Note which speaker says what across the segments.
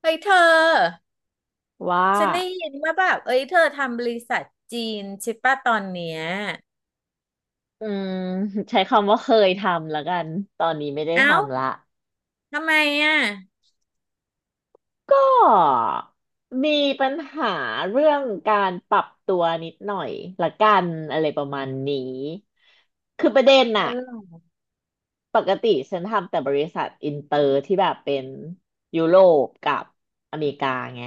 Speaker 1: เฮ้ยเธอ
Speaker 2: ว่า
Speaker 1: ฉันได้ยินว่าแบบเอ้ยเธอทำบริษัทจีนใช่ปะตอนเนี้ย
Speaker 2: อืม ใช้คำว่าเคยทำแล้วกัน ตอนนี้ไม่ได้
Speaker 1: เอ้า
Speaker 2: ทำละ
Speaker 1: ทำไมอ่ะ
Speaker 2: ก็มีปัญหาเรื่องการปรับตัวนิดหน่อยละกันอะไรประมาณนี้ คือประเด็น
Speaker 1: อ๋อ
Speaker 2: น่ะ
Speaker 1: เหรอ
Speaker 2: ปกติฉันทำแต่บริษัทอินเตอร์ที่แบบเป็นยุโรปกับอเมริกาไง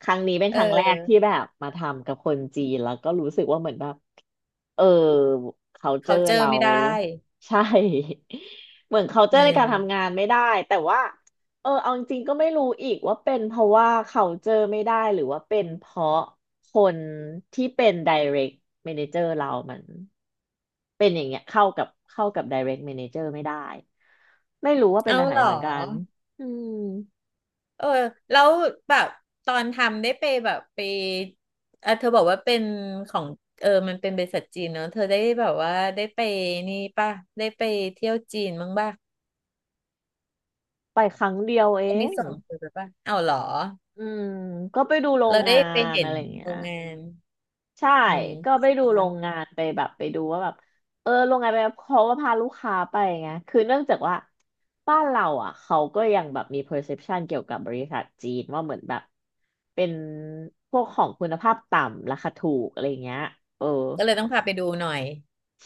Speaker 2: ครั้งนี้เป็น
Speaker 1: เอ
Speaker 2: ครั้งแรกที่
Speaker 1: อ
Speaker 2: แบบมาทำกับคนจีนแล้วก็รู้สึกว่าเหมือนแบบเออ
Speaker 1: เขา
Speaker 2: culture
Speaker 1: เจอ
Speaker 2: เรา
Speaker 1: ไม่ได้
Speaker 2: ใช่ เหมือน
Speaker 1: เ
Speaker 2: culture ในการทำ
Speaker 1: อ
Speaker 2: งา
Speaker 1: อ
Speaker 2: นไม่ได้แต่ว่าเออเอาจริงๆก็ไม่รู้อีกว่าเป็นเพราะว่า culture ไม่ได้หรือว่าเป็นเพราะ คนที่เป็น direct manager เรามันเป็นอย่างเงี้ยเข้ากับเข้ากับ direct manager ไม่ได้ไม่รู้ว่าเป็น
Speaker 1: เอ้า
Speaker 2: อันไหน
Speaker 1: เหรอ
Speaker 2: เหมือนกันอืม
Speaker 1: เออแล้วแบบตอนทำได้ไปแบบไปอ่ะเธอบอกว่าเป็นของเออมันเป็นบริษัทจีนเนอะเธอได้แบบว่าได้ไปนี่ป่ะได้ไปเที่ยวจีนบ้างป่ะ
Speaker 2: ไปครั้งเดียวเอ
Speaker 1: เขาไม่
Speaker 2: ง
Speaker 1: ส่งเธอไปป่ะเอ้าเหรอ
Speaker 2: อืมก็ไปดูโรง
Speaker 1: เราได้
Speaker 2: งา
Speaker 1: ไป
Speaker 2: น
Speaker 1: เห็น
Speaker 2: อะไรอย่างเงี้
Speaker 1: โร
Speaker 2: ย
Speaker 1: งงาน
Speaker 2: ใช่
Speaker 1: อืม
Speaker 2: ก็ไปดูโรงงานไปแบบไปดูว่าแบบเออโรงงานไปเขาก็พาลูกค้าไปไงคือเนื่องจากว่าบ้านเราอ่ะเขาก็ยังแบบมี perception เกี่ยวกับบริษัทจีนว่าเหมือนแบบเป็นพวกของคุณภาพต่ำราคาถูกอะไรเงี้ยเออ
Speaker 1: ก็เลยต้องพาไปดูหน่อย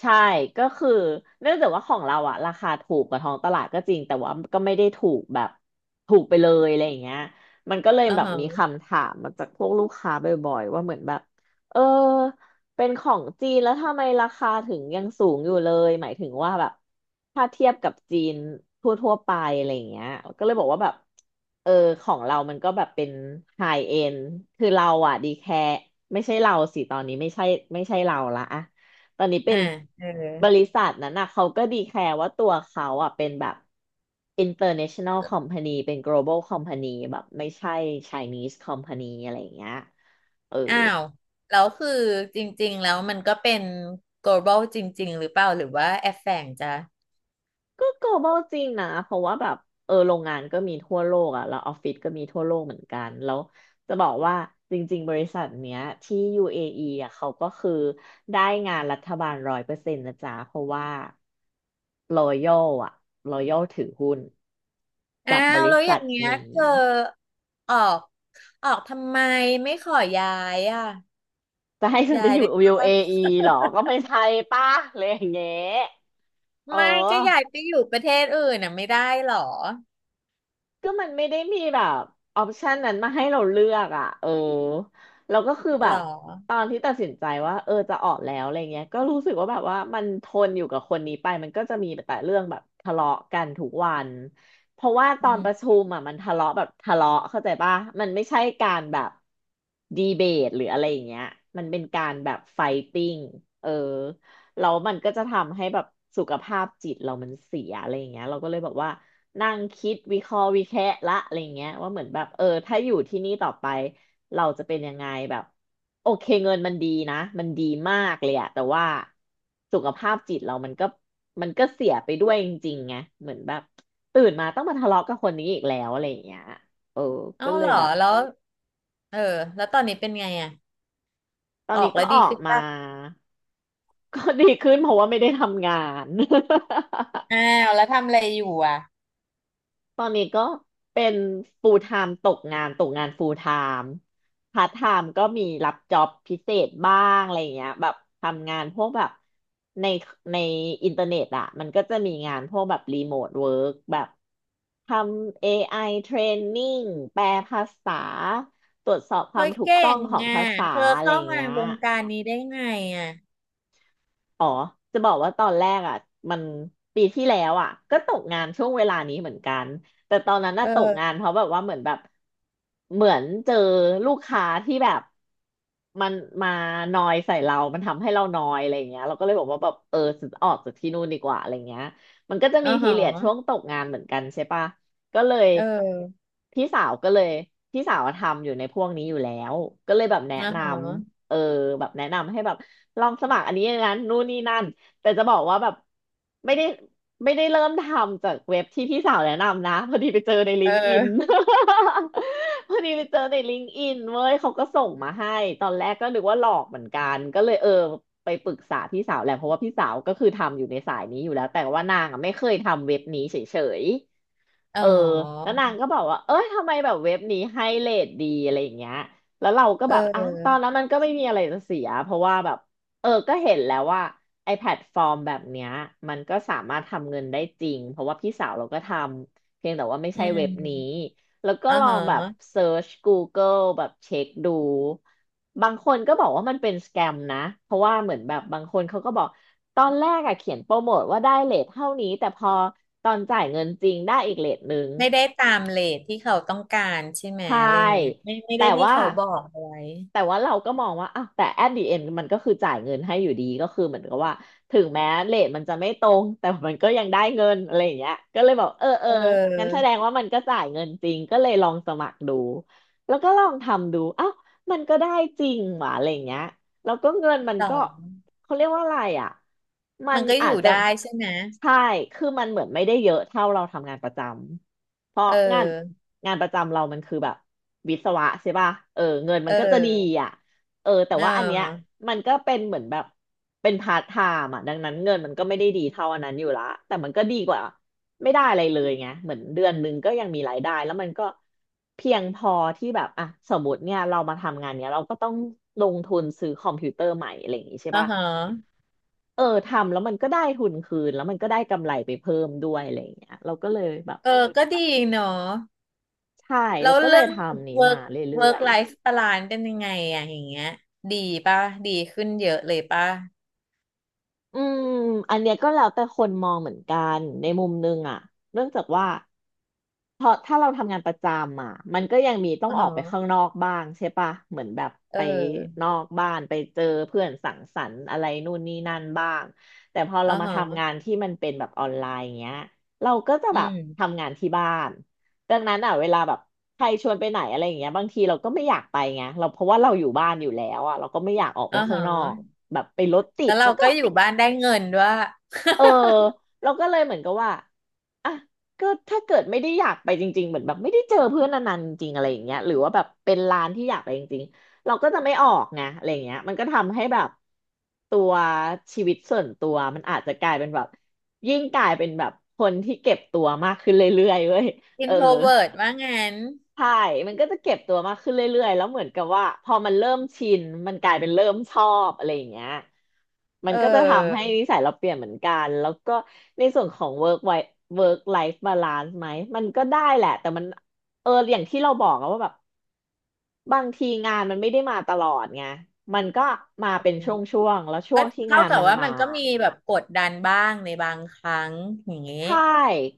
Speaker 2: ใช่ก็คือเนื่องจากว่าของเราอะราคาถูกกว่าท้องตลาดก็จริงแต่ว่าก็ไม่ได้ถูกแบบไปเลยอะไรอย่างเงี้ยมันก็เลย
Speaker 1: อ่า
Speaker 2: แบบ
Speaker 1: ฮะ
Speaker 2: มีคำถามมาจากพวกลูกค้าบ่อยๆว่าเหมือนแบบเออเป็นของจีนแล้วทำไมราคาถึงยังสูงอยู่เลยหมายถึงว่าแบบถ้าเทียบกับจีนทั่วๆไปอะไรอย่างเงี้ยก็เลยบอกว่าแบบเออของเรามันก็แบบเป็นไฮเอ็นคือเราอะดีแคร์ไม่ใช่เราสิตอนนี้ไม่ใช่เราละอะ ตอนนี้เป็
Speaker 1: อ่า
Speaker 2: น
Speaker 1: เออ
Speaker 2: บริษัทนั้นนะเขาก็ดีแคร์ว่าตัวเขาอ่ะเป็นแบบ international company เป็น global company แบบไม่ใช่ Chinese company อะไรอย่างเงี้ยเออ
Speaker 1: อ้าว แล้วคือจริงๆแล้วมันก็เป็น global จริงๆหรือเปล่าหรือว่าแอบแฝงจ้ะ
Speaker 2: ก็ global จริงนะเพราะว่าแบบเออโรงงานก็มีทั่วโลกอ่ะแล้วออฟฟิศก็มีทั่วโลกเหมือนกันแล้วจะบอกว่าจริงๆบริษัทเนี้ยที่ UAE ออีอ่ะเขาก็คือได้งานรัฐบาลร้อยเปอร์เซ็นต์นะจ๊ะเพราะว่า Royal อ่ะ Royal ถือหุ้น
Speaker 1: อ้า
Speaker 2: กับบ
Speaker 1: ว
Speaker 2: ริ
Speaker 1: แล้วอ
Speaker 2: ษั
Speaker 1: ย่า
Speaker 2: ท
Speaker 1: งเงี้ย
Speaker 2: นี้
Speaker 1: เธอออกออกทำไมไม่ขอย้ายอ่ะ
Speaker 2: จะให้ฉัน
Speaker 1: ย้า
Speaker 2: ไป
Speaker 1: ย
Speaker 2: อยู่
Speaker 1: ได้ปะ
Speaker 2: UAE เออีเหรอก็ไม่ใช่ป่ะเลยอย่างเงี้ย เออ
Speaker 1: ไม่ก็ย้ายไปอยู่ประเทศอื่นน่ะไม่ได้หรอ
Speaker 2: ก็มันไม่ได้มีแบบออปชันนั้นมาให้เราเลือกอ่ะเออเราก็คือแบ
Speaker 1: หรอ
Speaker 2: บตอนที่ตัดสินใจว่าเออจะออกแล้วอะไรเงี้ยก็รู้สึกว่าแบบว่ามันทนอยู่กับคนนี้ไปมันก็จะมีแต่เรื่องแบบทะเลาะกันทุกวันเพราะว่าต
Speaker 1: อื
Speaker 2: อนป
Speaker 1: ม
Speaker 2: ระชุมอ่ะมันทะเลาะแบบทะเลาะเข้าใจป่ะมันไม่ใช่การแบบดีเบตหรืออะไรอย่างเงี้ยมันเป็นการแบบไฟติ้งเออแล้วมันก็จะทำให้แบบสุขภาพจิตเรามันเสียอะไรอย่างเงี้ยเราก็เลยบอกว่า นั่งคิดวิเคราะห์วิแคะละอะไรเงี้ยว่าเหมือนแบบเออถ้าอยู่ที่นี่ต่อไปเราจะเป็นยังไงแบบโอเคเงินมันดีนะมันดีมากเลยอะแต่ว่าสุขภาพจิตเรามันก็เสียไปด้วยจริงๆไงเหมือนแบบตื่นมาต้องมาทะเลาะกับคนนี้อีกแล้วอะไรอย่างเงี้ยเออ
Speaker 1: เอ้า
Speaker 2: ก็เล
Speaker 1: หร
Speaker 2: ย
Speaker 1: อ
Speaker 2: แบบ
Speaker 1: แล้วเออแล้วตอนนี้เป็นไงอ่ะ
Speaker 2: ตอน
Speaker 1: ออก
Speaker 2: นี้
Speaker 1: แล้
Speaker 2: ก็
Speaker 1: ว
Speaker 2: อ
Speaker 1: ดี
Speaker 2: อก
Speaker 1: ขึ้น
Speaker 2: มา
Speaker 1: ป่ะ
Speaker 2: ก็ดีขึ้นเพราะว่าไม่ได้ทำงาน
Speaker 1: อ้าวแล้วทำอะไรอยู่อ่ะ
Speaker 2: ตอนนี้ก็เป็น full time ตกงาน full time part time ก็มีรับจ็อบพิเศษบ้างอะไรอย่างเงี้ยแบบทำงานพวกแบบในในอินเทอร์เน็ตอ่ะมันก็จะมีงานพวกแบบรีโมทเวิร์กแบบทำ AI training แปลภาษาตรวจสอบควา
Speaker 1: เฮ้
Speaker 2: ม
Speaker 1: ย
Speaker 2: ถูก
Speaker 1: เก่
Speaker 2: ต้อง
Speaker 1: ง
Speaker 2: ของ
Speaker 1: อ่ะ
Speaker 2: ภาษา
Speaker 1: เธอ
Speaker 2: อะไร
Speaker 1: เข้า
Speaker 2: อย่าง
Speaker 1: มา
Speaker 2: เงี้ย
Speaker 1: วงการนี้ได้ไงอ่ะ
Speaker 2: อ๋อจะบอกว่าตอนแรกอ่ะมันปีที่แล้วอ่ะก็ตกงานช่วงเวลานี้เหมือนกันแต่ตอนนั้น
Speaker 1: เอ
Speaker 2: น่ะ
Speaker 1: อ
Speaker 2: ตกงานเพราะแบบว่าเหมือนแบบเหมือนเจอลูกค้าที่แบบมันมานอยใส่เรา มันทำให้เรานอยอะไรอย่างเงี้ยเราก็เลยบอกว่าแบบเออฉันออกจากที่นู่นดีกว่าอะไรเงี้ยมันก็จะ
Speaker 1: อ๋
Speaker 2: มี
Speaker 1: อห
Speaker 2: พี
Speaker 1: อ
Speaker 2: เรียดช่วงตกงานเหมือนกันใช่ปะก็เลย
Speaker 1: เออ
Speaker 2: พี่สาวก็เลยพี่สาวอะทำอยู่ในพวกนี้อยู่แล้วก็เลยแบบแนะ
Speaker 1: อ๋อ
Speaker 2: น
Speaker 1: หอ
Speaker 2: ำ เออแบบแนะนำให้แบบลองสมัครอันนี้อย่างนั้นนู่นนี่นั่นแต่จะบอกว่าแบบไม่ได้ไม่ได้เริ่มทำจากเว็บที่พี่สาวแนะนำนะพอดีไปเจอในลิ
Speaker 1: เ
Speaker 2: งก์อิน
Speaker 1: ออ
Speaker 2: พอดีไปเจอในลิงก์อินเว้ยเขาก็ส่งมาให้ตอนแรกก็นึกว่าหลอกเหมือนกันก็เลยไปปรึกษาพี่สาวแหละเพราะว่าพี่สาวก็คือทำอยู่ในสายนี้อยู่แล้วแต่ว่านางอ่ะไม่เคยทำเว็บนี้เฉย
Speaker 1: อ๋
Speaker 2: ๆ เออแล้
Speaker 1: อ
Speaker 2: วนางก็บอกว่าเอ้ยทำไมแบบเว็บนี้ให้เรทดีอะไรอย่างเงี้ยแล้วเราก็
Speaker 1: เ
Speaker 2: แบบอ่ะตอน
Speaker 1: ออ
Speaker 2: นั้นมันก็ไม่มีอะไรจะเสียเพราะว่าแบบก็เห็นแล้วว่าไอแพลตฟอร์มแบบเนี้ยมันก็สามารถทำเงินได้จริงเพราะว่าพี่สาวเราก็ทำเพียงแต่ว่าไม่
Speaker 1: อื
Speaker 2: ใช่เว็บนี้
Speaker 1: ม
Speaker 2: แล้วก็
Speaker 1: อ๋อ
Speaker 2: ลองแบบ
Speaker 1: ห
Speaker 2: เซิร์ช Google แบบเช็คดู บางคนก็บอกว่ามันเป็นสแกมนะ เพราะว่าเหมือนแบบบางคนเขาก็บอกตอนแรกอะเขียนโปรโมทว่าได้เรทเท่านี้แต่พอตอนจ่ายเงินจริงได้อีกเรทหนึ่ง
Speaker 1: ไม่ได้ตามเรทที่เขาต้องการใช่ไหม
Speaker 2: ใช
Speaker 1: อะไรอย่างเงี้ย
Speaker 2: ่
Speaker 1: ไม่ไม่
Speaker 2: แต่
Speaker 1: ได้ที่
Speaker 2: ว่า
Speaker 1: เขาบอกเอาไว้
Speaker 2: แต่ว่าเราก็มองว่าอ่ะแต่ at the end มันก็คือจ่ายเงินให้อยู่ดีก็คือเหมือนกับว่าถึงแม้เรทมันจะไม่ตรงแต่มันก็ยังได้เงินอะไรอย่างเงี้ยก็เลยบอกเออ
Speaker 1: เออ
Speaker 2: งั้นแสดงว่ามันก็จ่ายเงินจริงก็เลยลองสมัครดูแล้วก็ลองทำดูอ้าวมันก็ได้จริงหว่ะอะไรอย่างเงี้ยแล้วก็เงินมัน
Speaker 1: สอ
Speaker 2: ก็
Speaker 1: ง
Speaker 2: เขาเรียกว่าอะไรอ่ะมั
Speaker 1: มั
Speaker 2: น
Speaker 1: นก็อ
Speaker 2: อา
Speaker 1: ยู่
Speaker 2: จจะ
Speaker 1: ได้ใช่ไหม
Speaker 2: ใช่คือมันเหมือนไม่ได้เยอะเท่าเราทำงานประจำ เพราะ
Speaker 1: เ
Speaker 2: งาน
Speaker 1: ออ
Speaker 2: งานประจำเรามันคือแบบวิศวะใช่ป่ะเออเงินมั
Speaker 1: เอ
Speaker 2: นก็จะดี
Speaker 1: อ
Speaker 2: อ่ะเออแต่
Speaker 1: เ
Speaker 2: ว่าอันเนี้ย
Speaker 1: ออ
Speaker 2: มันก็เป็นเหมือนแบบเป็นพาร์ทไทม์อ่ะดังนั้นเงินมันก็ไม่ได้ดีเท่าอันนั้นอยู่ละแต่มันก็ดีกว่าไม่ได้อะไรเลยไงเหมือนเดือนหนึ่งก็ยังมีรายได้แล้วมันก็เพียงพอที่แบบอ่ะสมมติเนี่ยเรามาทำงานเนี้ยเราก็ต้องลงทุนซื้อคอมพิวเตอร์ใหม่อะไรอย่างงี้ใช่
Speaker 1: อ๋อ
Speaker 2: ป่ะ
Speaker 1: หอ
Speaker 2: เออทำแล้วมันก็ได้ทุนคืนแล้วมันก็ได้กำไรไปเพิ่มด้วยอะไรอย่างเงี้ยเราก็เลยแบบ
Speaker 1: เออก็ดีเนาะ
Speaker 2: ใช่
Speaker 1: แล้
Speaker 2: แล้
Speaker 1: ว
Speaker 2: วก็เล
Speaker 1: เรื่
Speaker 2: ย
Speaker 1: อง
Speaker 2: ทำนี้มา
Speaker 1: work
Speaker 2: เรื่อ
Speaker 1: work
Speaker 2: ย
Speaker 1: life balance เป็นยังไงอะอย่างเงี้ยดีป่ะดีขึ้นเยอะเลยป่ะ
Speaker 2: ๆอืมอันเนี้ยก็แล้วแต่คนมองเหมือนกันในมุมนึงอะเนื่องจากว่า เพราะถ้าเราทำงานประจำอ่ะมันก็ยังมีต้อง
Speaker 1: อ๋อ
Speaker 2: ออกไปข้างนอกบ้างใช่ปะเหมือนแบบ
Speaker 1: เอ
Speaker 2: ไป
Speaker 1: อ
Speaker 2: นอกบ้านไปเจอเพื่อนสังสรรค์อะไรนู่นนี่นั่นบ้างแต่พอ
Speaker 1: อ๋
Speaker 2: เรา
Speaker 1: อ
Speaker 2: มาทำงานที่มันเป็นแบบออนไลน์อย่างเงี้ยเราก็จะ
Speaker 1: อื
Speaker 2: แบบ
Speaker 1: ม
Speaker 2: ทำงานที่บ้านดังนั้นอ่ะเวลาแบบใครชวนไปไหนอะไรอย่างเงี้ยบางทีเราก็ไม่อยากไปไงเราเพราะว่าเราอยู่บ้านอยู่แล้วอ่ะเราก็ไม่อยากออกไป
Speaker 1: อ๋
Speaker 2: ข้างนอก
Speaker 1: อ
Speaker 2: แบบไปรถติ
Speaker 1: แล้
Speaker 2: ด
Speaker 1: วเรา
Speaker 2: แล้วก็
Speaker 1: ก็อยู่บ้านได้เงินด้วย
Speaker 2: เออเราก็เลยเหมือนกับว่าอ่ะก็ถ้าเกิดไม่ได้อยากไปจริงๆเหมือนแบบไม่ได้เจอเพื่อนนานๆจริงๆอะไรอย่างเงี้ยหรือว่าแบบเป็นร้านที่อยากไปจริงๆเราก็จะไม่ออกไงอะไรอย่างเงี้ยมันก็ทำให้แบบตัวชีวิตส่วนตัวมันอาจจะกลายเป็นแบบยิ่งกลายเป็นแบบคนที่เก็บตัวมากขึ้นเรื่อยๆเว้ยเออ
Speaker 1: introvert ว่างั้น
Speaker 2: ใช่มันก็จะเก็บตัวมากขึ้นเรื่อยๆแล้วเหมือนกับว่าพอมันเริ่มชินมันกลายเป็นเริ่มชอบอะไรอย่างเงี้ยมั
Speaker 1: เอ
Speaker 2: นก็จะทำ
Speaker 1: อ
Speaker 2: ให้นิสัยเราเปลี่ยนเหมือนกัน แล้วก็ในส่วนของ work life balance ไหมมันก็ได้แหละแต่มันเอออย่างที่เราบอกอะว่าแบบบางทีงานมันไม่ได้มาตลอดไงมันก็มาเป็นช่วงๆแล้วช่
Speaker 1: ก็
Speaker 2: วงที่
Speaker 1: เท่า
Speaker 2: งาน
Speaker 1: กับ
Speaker 2: มัน
Speaker 1: ว่า
Speaker 2: มา
Speaker 1: มันก็มีแบบกดดันบ้างในบางครั้งอย่างเงี้ย
Speaker 2: ใช่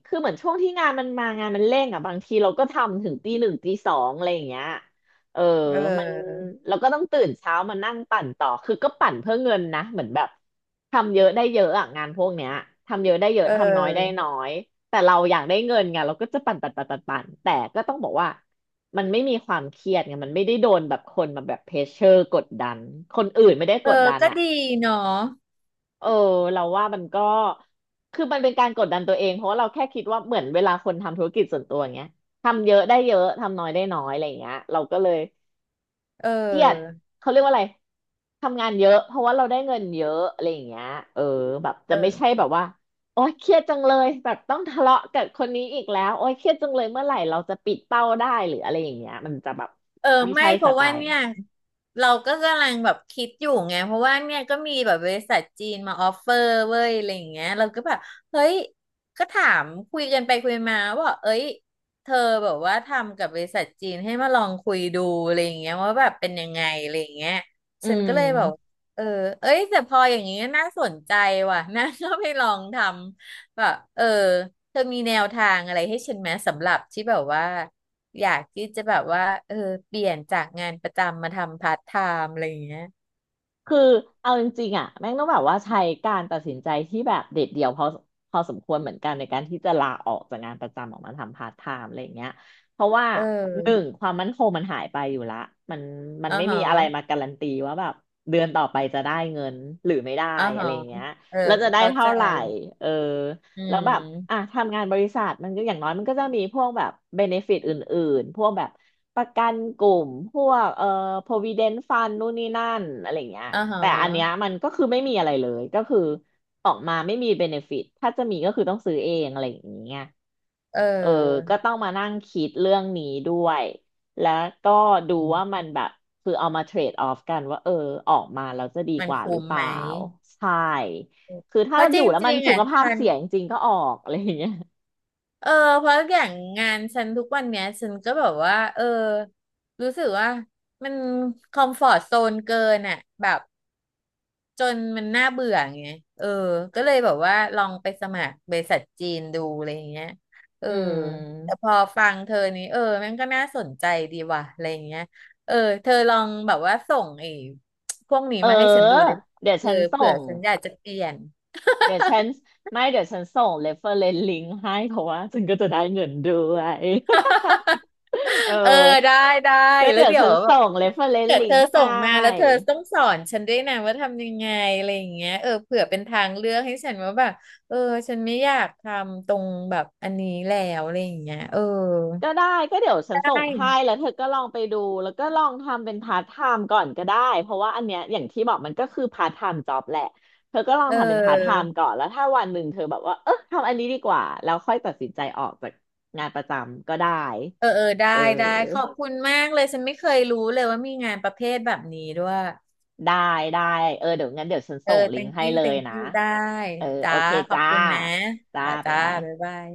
Speaker 2: คือเหมือนช่วงที่งานมันมางานมันเร่งอ่ะบางทีเราก็ทำถึงตีหนึ่งตีสองอะไรอย่างเงี้ยเออ
Speaker 1: เ
Speaker 2: มัน
Speaker 1: ออ
Speaker 2: เราก็ต้องตื่นเช้ามานั่งปั่นต่อคือก็ปั่นเพื่อเงินนะเหมือนแบบทำเยอะได้เยอะอ่ะงานพวกเนี้ยทำเยอะได้เย
Speaker 1: เอ
Speaker 2: อะทำน้อยได้
Speaker 1: อ
Speaker 2: น้อยแต่เราอยากได้เงินไงเราก็จะปั่นแต่ก็ต้องบอกว่ามันไม่มีความเครียดไงมันไม่ได้โดนแบบคนมาแบบเพรสเชอร์กดดันคนอื่นไม่ได้
Speaker 1: เอ
Speaker 2: ก
Speaker 1: อ
Speaker 2: ดดัน
Speaker 1: ก็
Speaker 2: อ่ะ
Speaker 1: ดีเนาะ
Speaker 2: เออเราว่ามันก็คือมันเป็นการกดดันตัวเองเพราะว่าเราแค่คิดว่าเหมือนเวลาคนทำธุรกิจส่วนตัวอย่างเงี้ยทำเยอะได้เยอะทำน้อยได้น้อยอะไรอย่างเงี้ยเราก็เลย
Speaker 1: เ
Speaker 2: เครียด
Speaker 1: ออ
Speaker 2: เขาเรียกว่าอะไรทำงานเยอะเพราะว่าเราได้เงินเยอะอะไรอย่างเงี้ยเออแบบ
Speaker 1: เอ
Speaker 2: จะไม่ใช่
Speaker 1: อ
Speaker 2: แบบว่าโอ๊ยเครียดจังเลยแบบต้องทะเลาะกับคนนี้อีกแล้วโอ๊ยเครียดจังเลยเมื่อไหร่เราจะปิดเป้าได้หรืออะไรอย่างเงี้ยมันจะแบบ
Speaker 1: เออ
Speaker 2: ไม่
Speaker 1: ไม่
Speaker 2: ใช่
Speaker 1: เพ
Speaker 2: ส
Speaker 1: ราะ
Speaker 2: ไต
Speaker 1: ว่า
Speaker 2: ล์
Speaker 1: เนี่
Speaker 2: เรา
Speaker 1: ยเราก็กำลังแบบคิดอยู่ไงเพราะว่าเนี่ยก็มีแบบบริษัทจีนมาออฟเฟอร์เว้ยอะไรอย่างเงี้ยเราก็แบบเฮ้ยก็ถามคุยกันไปคุยมาว่าเอ้ยเธอแบบว่าทำกับบริษัทจีนให้มาลองคุยดูอะไรอย่างเงี้ยว่าแบบเป็นยังไงอะไรอย่างเงี้ย
Speaker 2: อื
Speaker 1: ฉันก็เลยแบบ
Speaker 2: ม
Speaker 1: เออเอ้ยแต่พออย่างเงี้ยน่าสนใจว่ะน่าก็ไปลองทำแบบเออเธอมีแนวทางอะไรให้ฉันไหมสำหรับที่แบบว่า อยากที่จะแบบว่าเออเปลี่ยนจากงานประจำมาทำพาร์ทไทม์อะไรอย่างเงี้ย
Speaker 2: คือเอาจริงๆอ่ะแม่งต้องแบบว่าใช้การตัดสินใจที่แบบเด็ดเดี่ยวพอสมควรเหมือนกันในการที่จะลาออกจากงานประจำออกมาทำพาร์ทไทม์อะไรอย่างเงี้ยเพราะว่า
Speaker 1: เอ
Speaker 2: หนึ่ง
Speaker 1: อ
Speaker 2: ความมั่นคงมันหายไปอยู่ละมันมัน
Speaker 1: อ๋อ
Speaker 2: ไม่
Speaker 1: ฮ
Speaker 2: มีอะไรมา
Speaker 1: ะ
Speaker 2: การันตีว่าแบบเดือนต่อไปจะได้เงินหรือไม่ได้
Speaker 1: อ๋อ
Speaker 2: อะ
Speaker 1: ฮะ
Speaker 2: ไรอย่างเงี้ย
Speaker 1: เออ
Speaker 2: แล้วจะได้
Speaker 1: เข้า
Speaker 2: เท่า
Speaker 1: ใจ
Speaker 2: ไหร่เออ
Speaker 1: อื
Speaker 2: แล้วแบบอ่ะ
Speaker 1: ม
Speaker 2: ทำงานบริษัทมันก็อย่างน้อยมันก็จะมีพวกแบบเบเนฟิตอื่นๆ พวกแบบประกันกลุ่มพวกprovident fund นู่นนี่นั่นอะไรเงี้ย
Speaker 1: อ๋อฮะ
Speaker 2: แต่อันเนี้ยมันก็คือไม่มีอะไรเลยก็คือออกมาไม่มีเบเนฟิตถ้าจะมีก็คือต้องซื้อเองอะไรอย่างเงี้ย
Speaker 1: เ
Speaker 2: เออ
Speaker 1: ออ
Speaker 2: ก็ต้องมานั่งคิดเรื่องนี้ด้วย แล้วก็ดูว่ามันแบบคือเอามาเทรดออฟกันว่าเออออกมาแล้วจะดี
Speaker 1: มัน
Speaker 2: กว่าหรื
Speaker 1: คุ้
Speaker 2: อ
Speaker 1: ม
Speaker 2: เป
Speaker 1: ไหม
Speaker 2: ล่าใช่คือ
Speaker 1: เพ
Speaker 2: ถ้า
Speaker 1: ราะจ
Speaker 2: อยู่แล้วมัน
Speaker 1: ริงๆ
Speaker 2: สุ
Speaker 1: อ่ะ
Speaker 2: ขภาพ
Speaker 1: ฉัน
Speaker 2: เสียจริงๆก็ออกอะไรอย่างเงี้ย
Speaker 1: เออ เพราะอย่างงานฉันทุกวันเนี้ยฉันก็แบบว่า เออ รู้สึกว่ามันคอมฟอร์ z โซนเกินอ่ะแบบ จนมันน่าเบื่อไงเออ ก็เลยแบบว่าลองไปสมัครบริษัทจีนดูอะไรอย่างเงี้ยเออ
Speaker 2: อื
Speaker 1: แต่
Speaker 2: ม
Speaker 1: พอฟังเธอนี้เออแมันก็น่าสนใจดีว่ะอะไรอย่างเงี้ยเออ เธอลองแบบว่าส่งไอ้พวกนี้
Speaker 2: เออ
Speaker 1: มาให้ฉันดูได้ไหม
Speaker 2: เดี๋ยว
Speaker 1: เอ
Speaker 2: ฉั
Speaker 1: อ
Speaker 2: นส่
Speaker 1: เผื่อ
Speaker 2: ง
Speaker 1: ฉันอยากจะเปลี่ยน
Speaker 2: เดี๋ยวฉันไม่เดี๋ยวฉันส่ง reference link ให้เพราะว่าฉันก็จะได้เงินด้วย เออ
Speaker 1: เออได้ได้
Speaker 2: ก็
Speaker 1: แล้ว
Speaker 2: เดี๋ยว
Speaker 1: เดี๋ย
Speaker 2: ฉั
Speaker 1: ว
Speaker 2: น
Speaker 1: แบ
Speaker 2: ส่
Speaker 1: บ
Speaker 2: ง
Speaker 1: เกิ
Speaker 2: reference
Speaker 1: ดเธอ
Speaker 2: link
Speaker 1: ส่
Speaker 2: ให้
Speaker 1: งมาแล้วเธอต้องสอนฉันด้วยนะว่าทำยังไงอะไรอย่างเงี้ยเออเผื่อเป็นทางเลือกให้ฉันว่าแบบเออฉันไม่อยากทำตรงแบบอันนี้แล้วอะไรอย่างเงี้ยเออ
Speaker 2: ก็ได้ก็เดี๋ยวฉัน
Speaker 1: ได
Speaker 2: ส่งให้
Speaker 1: ้
Speaker 2: แล้วเธอก็ลองไปดูแล้วก็ลองทำเป็นพาร์ทไทม์ก่อนก็ได้เพราะว่าอันเนี้ยอย่างที่บอกมันก็คือพาร์ทไทม์จ็อบแหละเธอก็ลอง
Speaker 1: เ
Speaker 2: ทำเป็นพาร์ทไท
Speaker 1: ออ
Speaker 2: ม์ก่อนแล้วถ้าวันหนึ่งเธอแบบว่าเออทำอันนี้ดีกว่าแล้วค่อยตัดสินใจออกจากงานประจำก็ได้
Speaker 1: เออเออได้
Speaker 2: เอ
Speaker 1: ได้ขอบ
Speaker 2: อ
Speaker 1: คุณมากเลยฉันไม่เคยรู้เลยว่ามีงานประเภทแบบนี้ด้วย
Speaker 2: ได้ได้เออเดี๋ยวงั้นเดี๋ยวฉัน
Speaker 1: เออ
Speaker 2: ส่งลิงก์
Speaker 1: thank
Speaker 2: ให้
Speaker 1: you
Speaker 2: เลย
Speaker 1: thank
Speaker 2: นะ
Speaker 1: you ได้
Speaker 2: เออโอ
Speaker 1: จ้า
Speaker 2: เค
Speaker 1: ขอบ
Speaker 2: จ้า
Speaker 1: คุณนะ
Speaker 2: จ้า
Speaker 1: จ้า
Speaker 2: บ๊าย
Speaker 1: จ้า
Speaker 2: บาย
Speaker 1: บ๊ายบาย